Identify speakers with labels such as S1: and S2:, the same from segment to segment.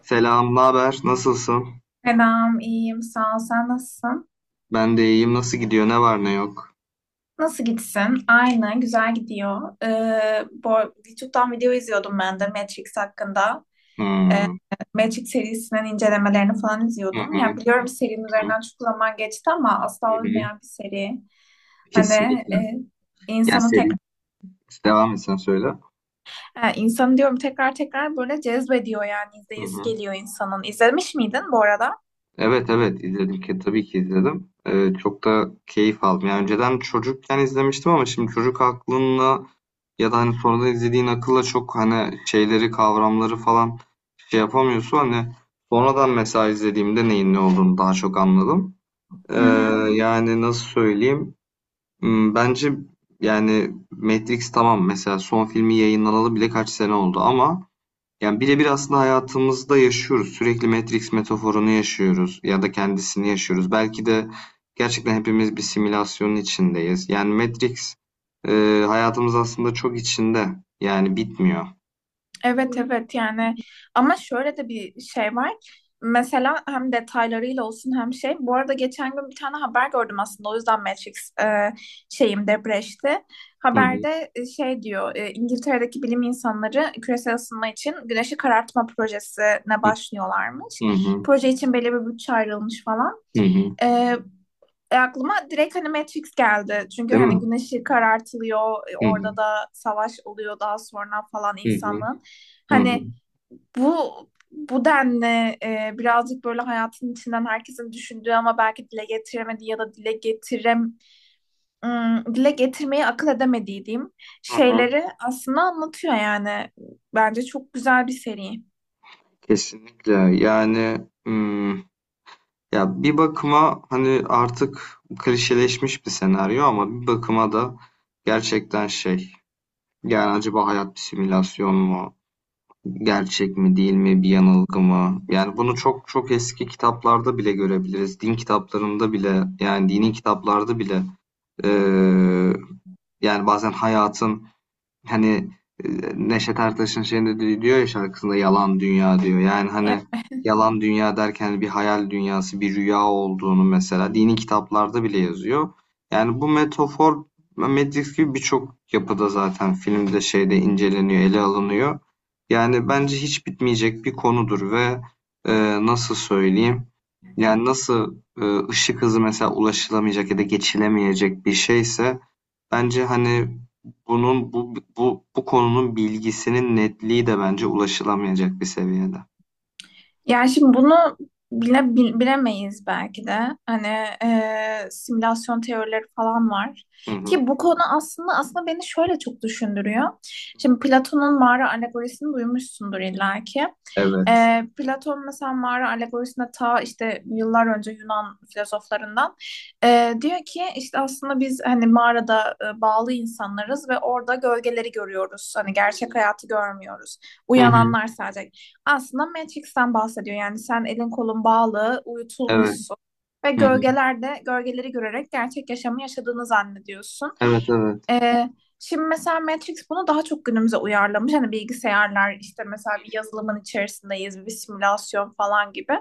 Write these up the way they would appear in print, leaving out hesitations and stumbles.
S1: Selam, ne haber? Nasılsın?
S2: Selam, iyiyim. Sağ ol. Sen nasılsın?
S1: Ben de iyiyim. Nasıl gidiyor? Ne var ne yok?
S2: Nasıl gitsin? Aynı, güzel gidiyor. YouTube'dan video izliyordum ben de Matrix hakkında.
S1: Hmm.
S2: Matrix serisinin incelemelerini falan
S1: Hı
S2: izliyordum.
S1: hı,
S2: Ya biliyorum serinin
S1: hı hı,
S2: üzerinden çok zaman geçti ama
S1: hı
S2: asla
S1: hı.
S2: olmayan bir seri. Hani
S1: Kesinlikle.
S2: e,
S1: Yani
S2: insanı
S1: seri
S2: tekrar
S1: devam etsen söyle.
S2: Ha, insanı diyorum tekrar tekrar böyle cezbediyor yani
S1: Hı
S2: izleyesi
S1: hı.
S2: geliyor insanın. İzlemiş miydin bu arada?
S1: Evet evet izledim ki tabii ki izledim. Çok da keyif aldım. Yani önceden çocukken izlemiştim ama şimdi çocuk aklınla ya da hani sonradan izlediğin akılla çok hani şeyleri kavramları falan şey yapamıyorsun. Hani sonradan mesela izlediğimde neyin ne olduğunu daha çok anladım. Ee,
S2: Hı hı.
S1: yani nasıl söyleyeyim? Bence yani Matrix tamam, mesela son filmi yayınlanalı bile kaç sene oldu ama yani birebir aslında hayatımızda yaşıyoruz. Sürekli Matrix metaforunu yaşıyoruz ya da kendisini yaşıyoruz. Belki de gerçekten hepimiz bir simülasyonun içindeyiz. Yani Matrix e, hayatımız aslında çok içinde. Yani bitmiyor.
S2: Evet evet yani, ama şöyle de bir şey var. Mesela hem detaylarıyla olsun hem şey. Bu arada geçen gün bir tane haber gördüm aslında. O yüzden Matrix şeyim depreşti.
S1: Hı hı
S2: Haberde İngiltere'deki bilim insanları küresel ısınma için güneşi karartma projesine
S1: hı
S2: başlıyorlarmış.
S1: hı hı.
S2: Proje için belli bir bütçe ayrılmış falan.
S1: Hı hı.
S2: E, Aklıma direkt hani Matrix geldi. Çünkü
S1: Değil
S2: hani
S1: mi?
S2: güneşi karartılıyor,
S1: Hı
S2: orada
S1: hı
S2: da savaş oluyor daha sonra falan
S1: hı hı
S2: insanın.
S1: hı hı.
S2: Hani bu bu denli birazcık böyle hayatın içinden herkesin düşündüğü ama belki dile getiremediği ya da dile getirmeyi akıl edemediği diyeyim
S1: Hı hı.
S2: şeyleri aslında anlatıyor yani. Bence çok güzel bir seri.
S1: Kesinlikle. Yani ya bir bakıma hani artık klişeleşmiş bir senaryo, ama bir bakıma da gerçekten şey, yani acaba hayat bir simülasyon mu? Gerçek mi değil mi? Bir yanılgı mı? Yani bunu çok çok eski kitaplarda bile görebiliriz. Din kitaplarında bile, yani dini kitaplarda bile, eee, yani bazen hayatın... Hani, Neşet Ertaş'ın şeyinde diyor ya şarkısında, "Yalan dünya" diyor. Yani, hani, yalan dünya derken bir hayal dünyası, bir rüya olduğunu mesela dini kitaplarda bile yazıyor. Yani bu metafor Matrix gibi birçok yapıda zaten, filmde, şeyde inceleniyor, ele alınıyor. Yani bence hiç bitmeyecek bir konudur ve, nasıl söyleyeyim, yani nasıl, ışık hızı mesela ulaşılamayacak ya da geçilemeyecek bir şeyse, bence, hani, bunun bu konunun bilgisinin netliği de bence ulaşılamayacak bir seviyede.
S2: Yani şimdi bunu bilemeyiz belki de. Hani simülasyon teorileri falan var.
S1: Hı hı.
S2: Ki bu konu aslında beni şöyle çok düşündürüyor. Şimdi Platon'un mağara alegorisini duymuşsundur illaki.
S1: Evet.
S2: Platon mesela mağara alegorisinde ta işte yıllar önce Yunan filozoflarından diyor ki işte aslında biz hani mağarada bağlı insanlarız ve orada gölgeleri görüyoruz. Hani gerçek hayatı görmüyoruz.
S1: Hı hı.
S2: Uyananlar sadece aslında Matrix'ten bahsediyor. Yani sen elin kolun bağlı,
S1: Evet.
S2: uyutulmuşsun ve
S1: Hı hı.
S2: gölgelerde gölgeleri görerek gerçek yaşamı yaşadığını zannediyorsun.
S1: Evet, evet.
S2: Ee, Şimdi mesela Matrix bunu daha çok günümüze uyarlamış. Hani bilgisayarlar işte mesela bir yazılımın içerisindeyiz, bir simülasyon falan gibi.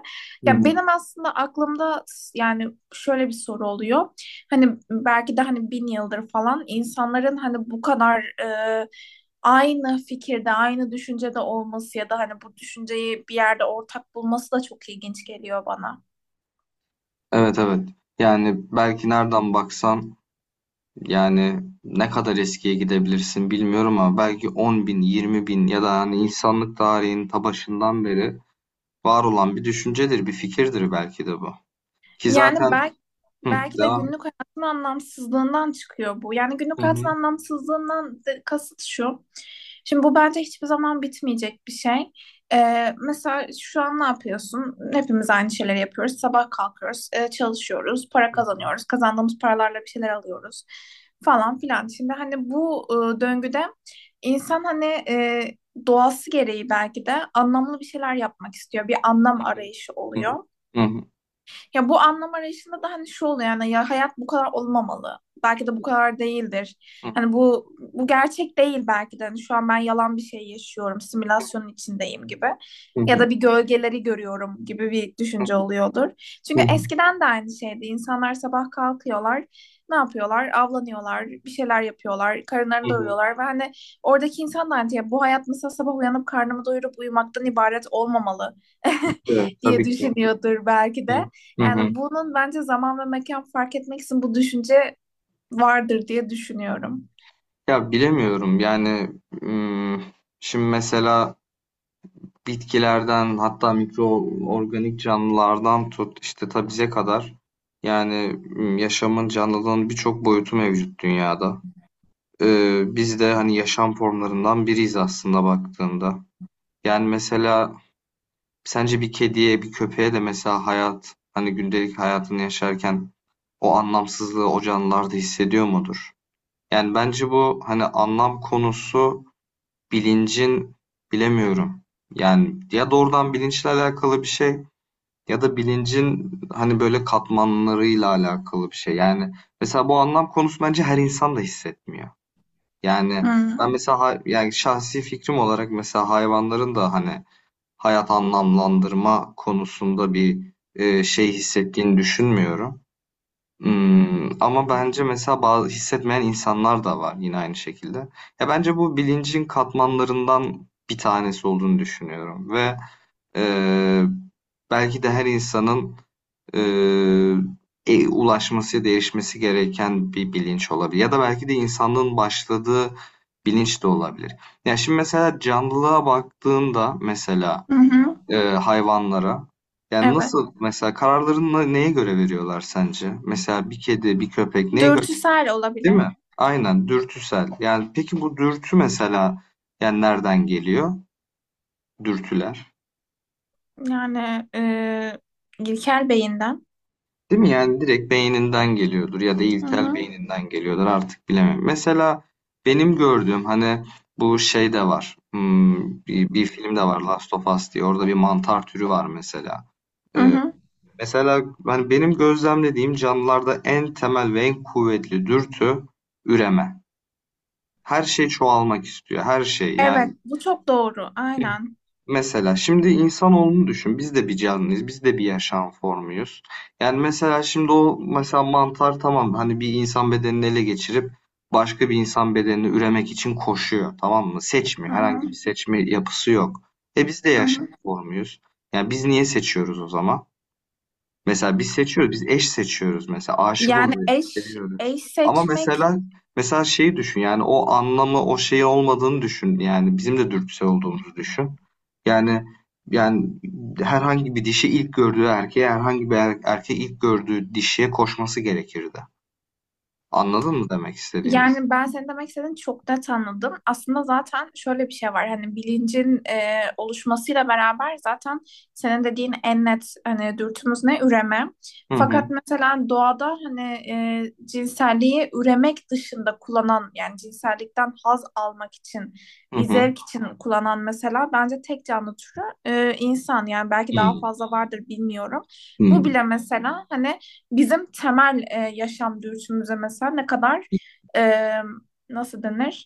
S1: Hı
S2: Ya
S1: hı.
S2: benim aslında aklımda yani şöyle bir soru oluyor. Hani belki de hani bin yıldır falan insanların hani bu kadar aynı fikirde, aynı düşüncede olması ya da hani bu düşünceyi bir yerde ortak bulması da çok ilginç geliyor bana.
S1: Evet, evet. Yani belki nereden baksan, yani, ne kadar eskiye gidebilirsin bilmiyorum ama belki 10.000, bin ya da, hani, insanlık tarihinin ta başından beri var olan bir düşüncedir, bir fikirdir belki de bu. Ki
S2: Yani
S1: zaten...
S2: belki,
S1: Hı,
S2: belki de
S1: devam.
S2: günlük hayatın anlamsızlığından çıkıyor bu. Yani
S1: Hı
S2: günlük hayatın
S1: hı,
S2: anlamsızlığından de- kasıt şu. Şimdi bu bence hiçbir zaman bitmeyecek bir şey. Mesela şu an ne yapıyorsun? Hepimiz aynı şeyleri yapıyoruz. Sabah kalkıyoruz, çalışıyoruz, para
S1: hı hı,
S2: kazanıyoruz. Kazandığımız paralarla bir şeyler alıyoruz falan filan. Şimdi hani bu döngüde insan hani doğası gereği belki de anlamlı bir şeyler yapmak istiyor. Bir anlam
S1: hı
S2: arayışı
S1: hı,
S2: oluyor.
S1: hı hı,
S2: Ya bu anlam arayışında da hani şu oluyor yani ya hayat bu kadar olmamalı. Belki de bu kadar değildir. Hani bu gerçek değil belki de. Hani şu an ben yalan bir şey yaşıyorum, simülasyonun içindeyim gibi.
S1: hı hı, hı
S2: Ya
S1: hı,
S2: da bir gölgeleri görüyorum gibi bir düşünce oluyordur.
S1: hı
S2: Çünkü
S1: hı,
S2: eskiden de aynı şeydi. İnsanlar sabah kalkıyorlar, ne yapıyorlar? Avlanıyorlar, bir şeyler yapıyorlar, karınlarını
S1: hı hı.
S2: doyuruyorlar ve hani oradaki insan da hani ya bu hayat mesela sabah uyanıp karnımı doyurup uyumaktan ibaret olmamalı
S1: Evet,
S2: diye
S1: tabii ki.
S2: düşünüyordur belki
S1: Hı
S2: de.
S1: hı.
S2: Yani
S1: Hı.
S2: bunun bence zaman ve mekan fark etmeksizin bu düşünce vardır diye düşünüyorum.
S1: Ya bilemiyorum yani, ım, şimdi mesela bitkilerden hatta mikroorganik canlılardan tut, işte tabize kadar, yani yaşamın, canlılığın birçok boyutu mevcut dünyada. Biz de hani yaşam formlarından biriyiz aslında baktığında. Yani mesela sence bir kediye, bir köpeğe de mesela hayat, hani gündelik hayatını yaşarken o anlamsızlığı, o canlılar da hissediyor mudur? Yani bence bu hani anlam konusu, bilincin... bilemiyorum. Yani ya doğrudan bilinçle alakalı bir şey, ya da bilincin hani böyle katmanlarıyla alakalı bir şey. Yani mesela bu anlam konusu bence her insan da hissetmiyor. Yani ben
S2: Hmm.
S1: mesela yani şahsi fikrim olarak mesela hayvanların da hani hayat anlamlandırma konusunda bir, şey hissettiğini düşünmüyorum. Ama bence mesela bazı hissetmeyen insanlar da var, yine aynı şekilde. Ya, bence bu bilincin katmanlarından bir tanesi olduğunu düşünüyorum ve, eee, belki de her insanın, eee, ulaşması, değişmesi gereken bir bilinç olabilir ya da belki de insanlığın başladığı bilinç de olabilir. Ya, şimdi mesela canlılığa baktığında, mesela
S2: Hı hı.
S1: hayvanlara? Yani
S2: Evet.
S1: nasıl mesela kararlarını neye göre veriyorlar sence? Mesela bir kedi, bir köpek neye göre,
S2: Dürtüsel
S1: değil mi?
S2: olabilir.
S1: Aynen, dürtüsel. Yani peki bu dürtü mesela yani nereden geliyor? Dürtüler.
S2: Yani İlker Bey'inden.
S1: Değil mi? Yani direkt beyninden geliyordur ya da
S2: Hı
S1: ilkel
S2: hı.
S1: beyninden geliyordur, artık bilemem. Mesela benim gördüğüm hani bu şey de var. Bir film de var, Last of Us diye. Orada bir mantar türü var mesela.
S2: Hı
S1: Ee,
S2: hı.
S1: Mesela hani benim gözlemlediğim canlılarda en temel ve en kuvvetli dürtü, üreme. Her şey çoğalmak istiyor. Her şey,
S2: Evet,
S1: yani
S2: bu çok doğru. Aynen.
S1: mesela şimdi insanoğlunu düşün. Biz de bir canlıyız. Biz de bir yaşam formuyuz. Yani mesela şimdi o, mesela mantar tamam, hani bir insan bedenini ele geçirip başka bir insan bedenini üremek için koşuyor. Tamam mı?
S2: Hı
S1: Seçmiyor.
S2: hı.
S1: Herhangi bir seçme yapısı yok. E biz de
S2: Hı
S1: yaşam
S2: hı.
S1: formuyuz. Yani biz niye seçiyoruz o zaman? Mesela biz seçiyoruz, biz eş seçiyoruz mesela, aşık
S2: Yani
S1: oluyoruz,
S2: eş
S1: seviyoruz.
S2: eş
S1: Ama
S2: seçmek
S1: mesela şeyi düşün, yani o anlamı, o şeyi olmadığını düşün, yani bizim de dürtüsel olduğumuzu düşün. Yani yani herhangi bir dişi ilk gördüğü erkeğe, herhangi bir erkeği ilk gördüğü dişiye koşması gerekirdi. Anladın mı demek istediğimi?
S2: Yani ben senin demek istediğini çok net anladım. Aslında zaten şöyle bir şey var. Hani bilincin oluşmasıyla beraber zaten senin dediğin en net hani dürtümüz ne? Üreme.
S1: Hı hı,
S2: Fakat mesela doğada hani cinselliği üremek dışında kullanan yani cinsellikten haz almak için
S1: hı
S2: bir
S1: hı,
S2: zevk için kullanan mesela bence tek canlı türü insan yani belki daha
S1: hı,
S2: fazla vardır bilmiyorum. Bu
S1: hı,
S2: bile mesela hani bizim temel yaşam dürtümüze mesela ne kadar e, nasıl denir?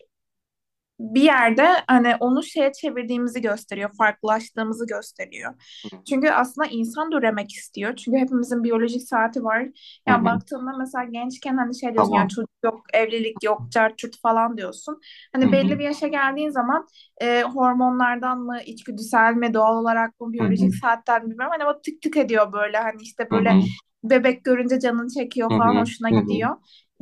S2: Bir yerde hani onu şeye çevirdiğimizi gösteriyor, farklılaştığımızı gösteriyor.
S1: hı,
S2: Çünkü aslında insan da üremek istiyor. Çünkü hepimizin biyolojik saati var. Yani
S1: hı.
S2: baktığında mesela gençken hani şey diyorsun yani
S1: Tamam.
S2: çocuk yok, evlilik yok, cart curt falan diyorsun.
S1: Hı
S2: Hani
S1: hı,
S2: belli bir yaşa geldiğin zaman hormonlardan mı, içgüdüsel mi, doğal olarak mı,
S1: hı hı,
S2: biyolojik saatten mi bilmiyorum. Hani o tık tık ediyor böyle hani işte
S1: hı
S2: böyle
S1: hı,
S2: bebek görünce canını
S1: hı
S2: çekiyor falan
S1: hı,
S2: hoşuna
S1: hı hı.
S2: gidiyor.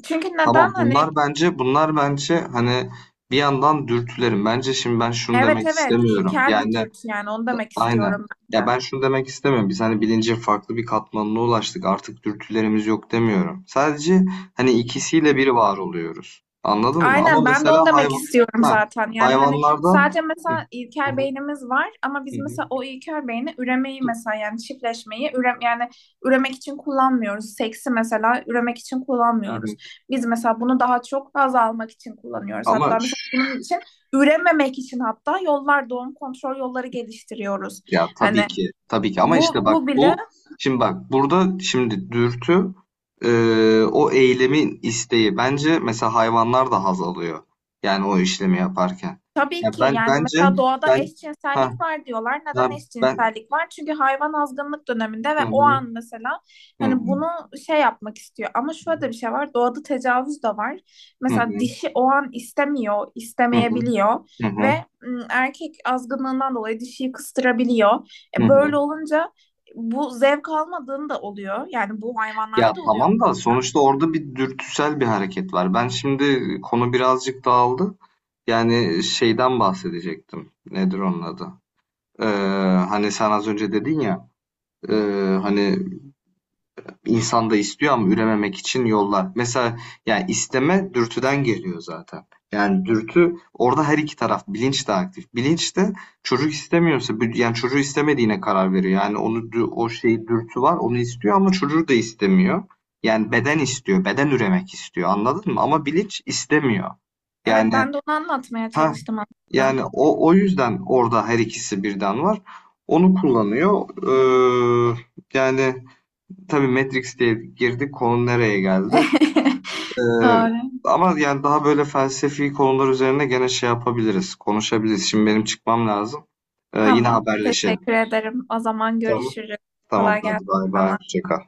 S2: Çünkü neden
S1: Tamam,
S2: hani
S1: bunlar bence, bunlar bence hani bir yandan dürtülerim. Bence şimdi ben şunu
S2: Evet
S1: demek
S2: evet,
S1: istemiyorum.
S2: ilkel bir
S1: Yani
S2: dürtü yani onu demek
S1: aynen.
S2: istiyorum ben
S1: Ya
S2: de.
S1: ben şunu demek istemiyorum. Biz hani bilincin farklı bir katmanına ulaştık. Artık dürtülerimiz yok demiyorum. Sadece hani ikisiyle bir var oluyoruz. Anladın mı? Ama
S2: Aynen, ben de
S1: mesela
S2: onu demek
S1: hayvan,
S2: istiyorum
S1: ha,
S2: zaten. Yani hani
S1: hayvanlarda...
S2: sadece mesela
S1: Hı
S2: ilkel
S1: hı,
S2: beynimiz var ama
S1: hı
S2: biz
S1: hı,
S2: mesela o ilkel beyni üremeyi mesela yani çiftleşmeyi ürem yani üremek için kullanmıyoruz. Seksi mesela üremek için
S1: hı hı.
S2: kullanmıyoruz. Biz mesela bunu daha çok haz almak için kullanıyoruz.
S1: Ama
S2: Hatta mesela bunun için ürememek için hatta yollar doğum kontrol yolları geliştiriyoruz.
S1: ya,
S2: Hani
S1: tabii ki. Tabii ki, ama
S2: bu
S1: işte bak
S2: bu bile
S1: bu, şimdi bak, burada şimdi dürtü, e, o eylemin isteği. Bence mesela hayvanlar da haz alıyor. Yani o işlemi yaparken.
S2: Tabii
S1: Ya
S2: ki
S1: ben,
S2: yani
S1: bence
S2: mesela doğada
S1: ben... ha
S2: eşcinsellik var diyorlar.
S1: ha
S2: Neden
S1: ben...
S2: eşcinsellik var? Çünkü hayvan azgınlık döneminde ve
S1: hı
S2: o
S1: hı
S2: an mesela
S1: hı
S2: hani bunu şey yapmak istiyor. Ama şöyle de bir şey var. Doğada tecavüz de var.
S1: hı hı
S2: Mesela dişi o an istemiyor,
S1: hı hı
S2: istemeyebiliyor
S1: hı hı
S2: ve erkek azgınlığından dolayı dişiyi kıstırabiliyor.
S1: hı hı.
S2: Böyle olunca bu zevk almadığını da oluyor. Yani bu
S1: Ya
S2: hayvanlarda da oluyor.
S1: tamam da sonuçta orada bir dürtüsel bir hareket var. Ben şimdi, konu birazcık dağıldı. Yani şeyden bahsedecektim. Nedir onun adı? Ee, hani sen az önce dedin ya, e, hani insan da istiyor ama ürememek için yollar. Mesela yani isteme dürtüden geliyor zaten. Yani dürtü orada, her iki taraf, bilinç de aktif. Bilinç de çocuk istemiyorsa yani çocuğu istemediğine karar veriyor. Yani onu, o şeyi, dürtü var onu istiyor ama çocuğu da istemiyor. Yani beden istiyor, beden üremek istiyor. Anladın mı? Ama bilinç istemiyor.
S2: Evet
S1: Yani
S2: ben de onu anlatmaya
S1: ha,
S2: çalıştım aslında.
S1: yani o yüzden orada her ikisi birden var. Onu kullanıyor. Ee, yani tabii, Matrix diye girdik, konu nereye geldi? Ee,
S2: Doğru.
S1: ama yani daha böyle felsefi konular üzerine gene şey yapabiliriz, konuşabiliriz. Şimdi benim çıkmam lazım. Yine
S2: Tamam.
S1: haberleşelim.
S2: Teşekkür ederim. O zaman
S1: Tamam.
S2: görüşürüz.
S1: Tamam,
S2: Kolay
S1: hadi
S2: gelsin
S1: bay bay.
S2: sana.
S1: Hoşça kal.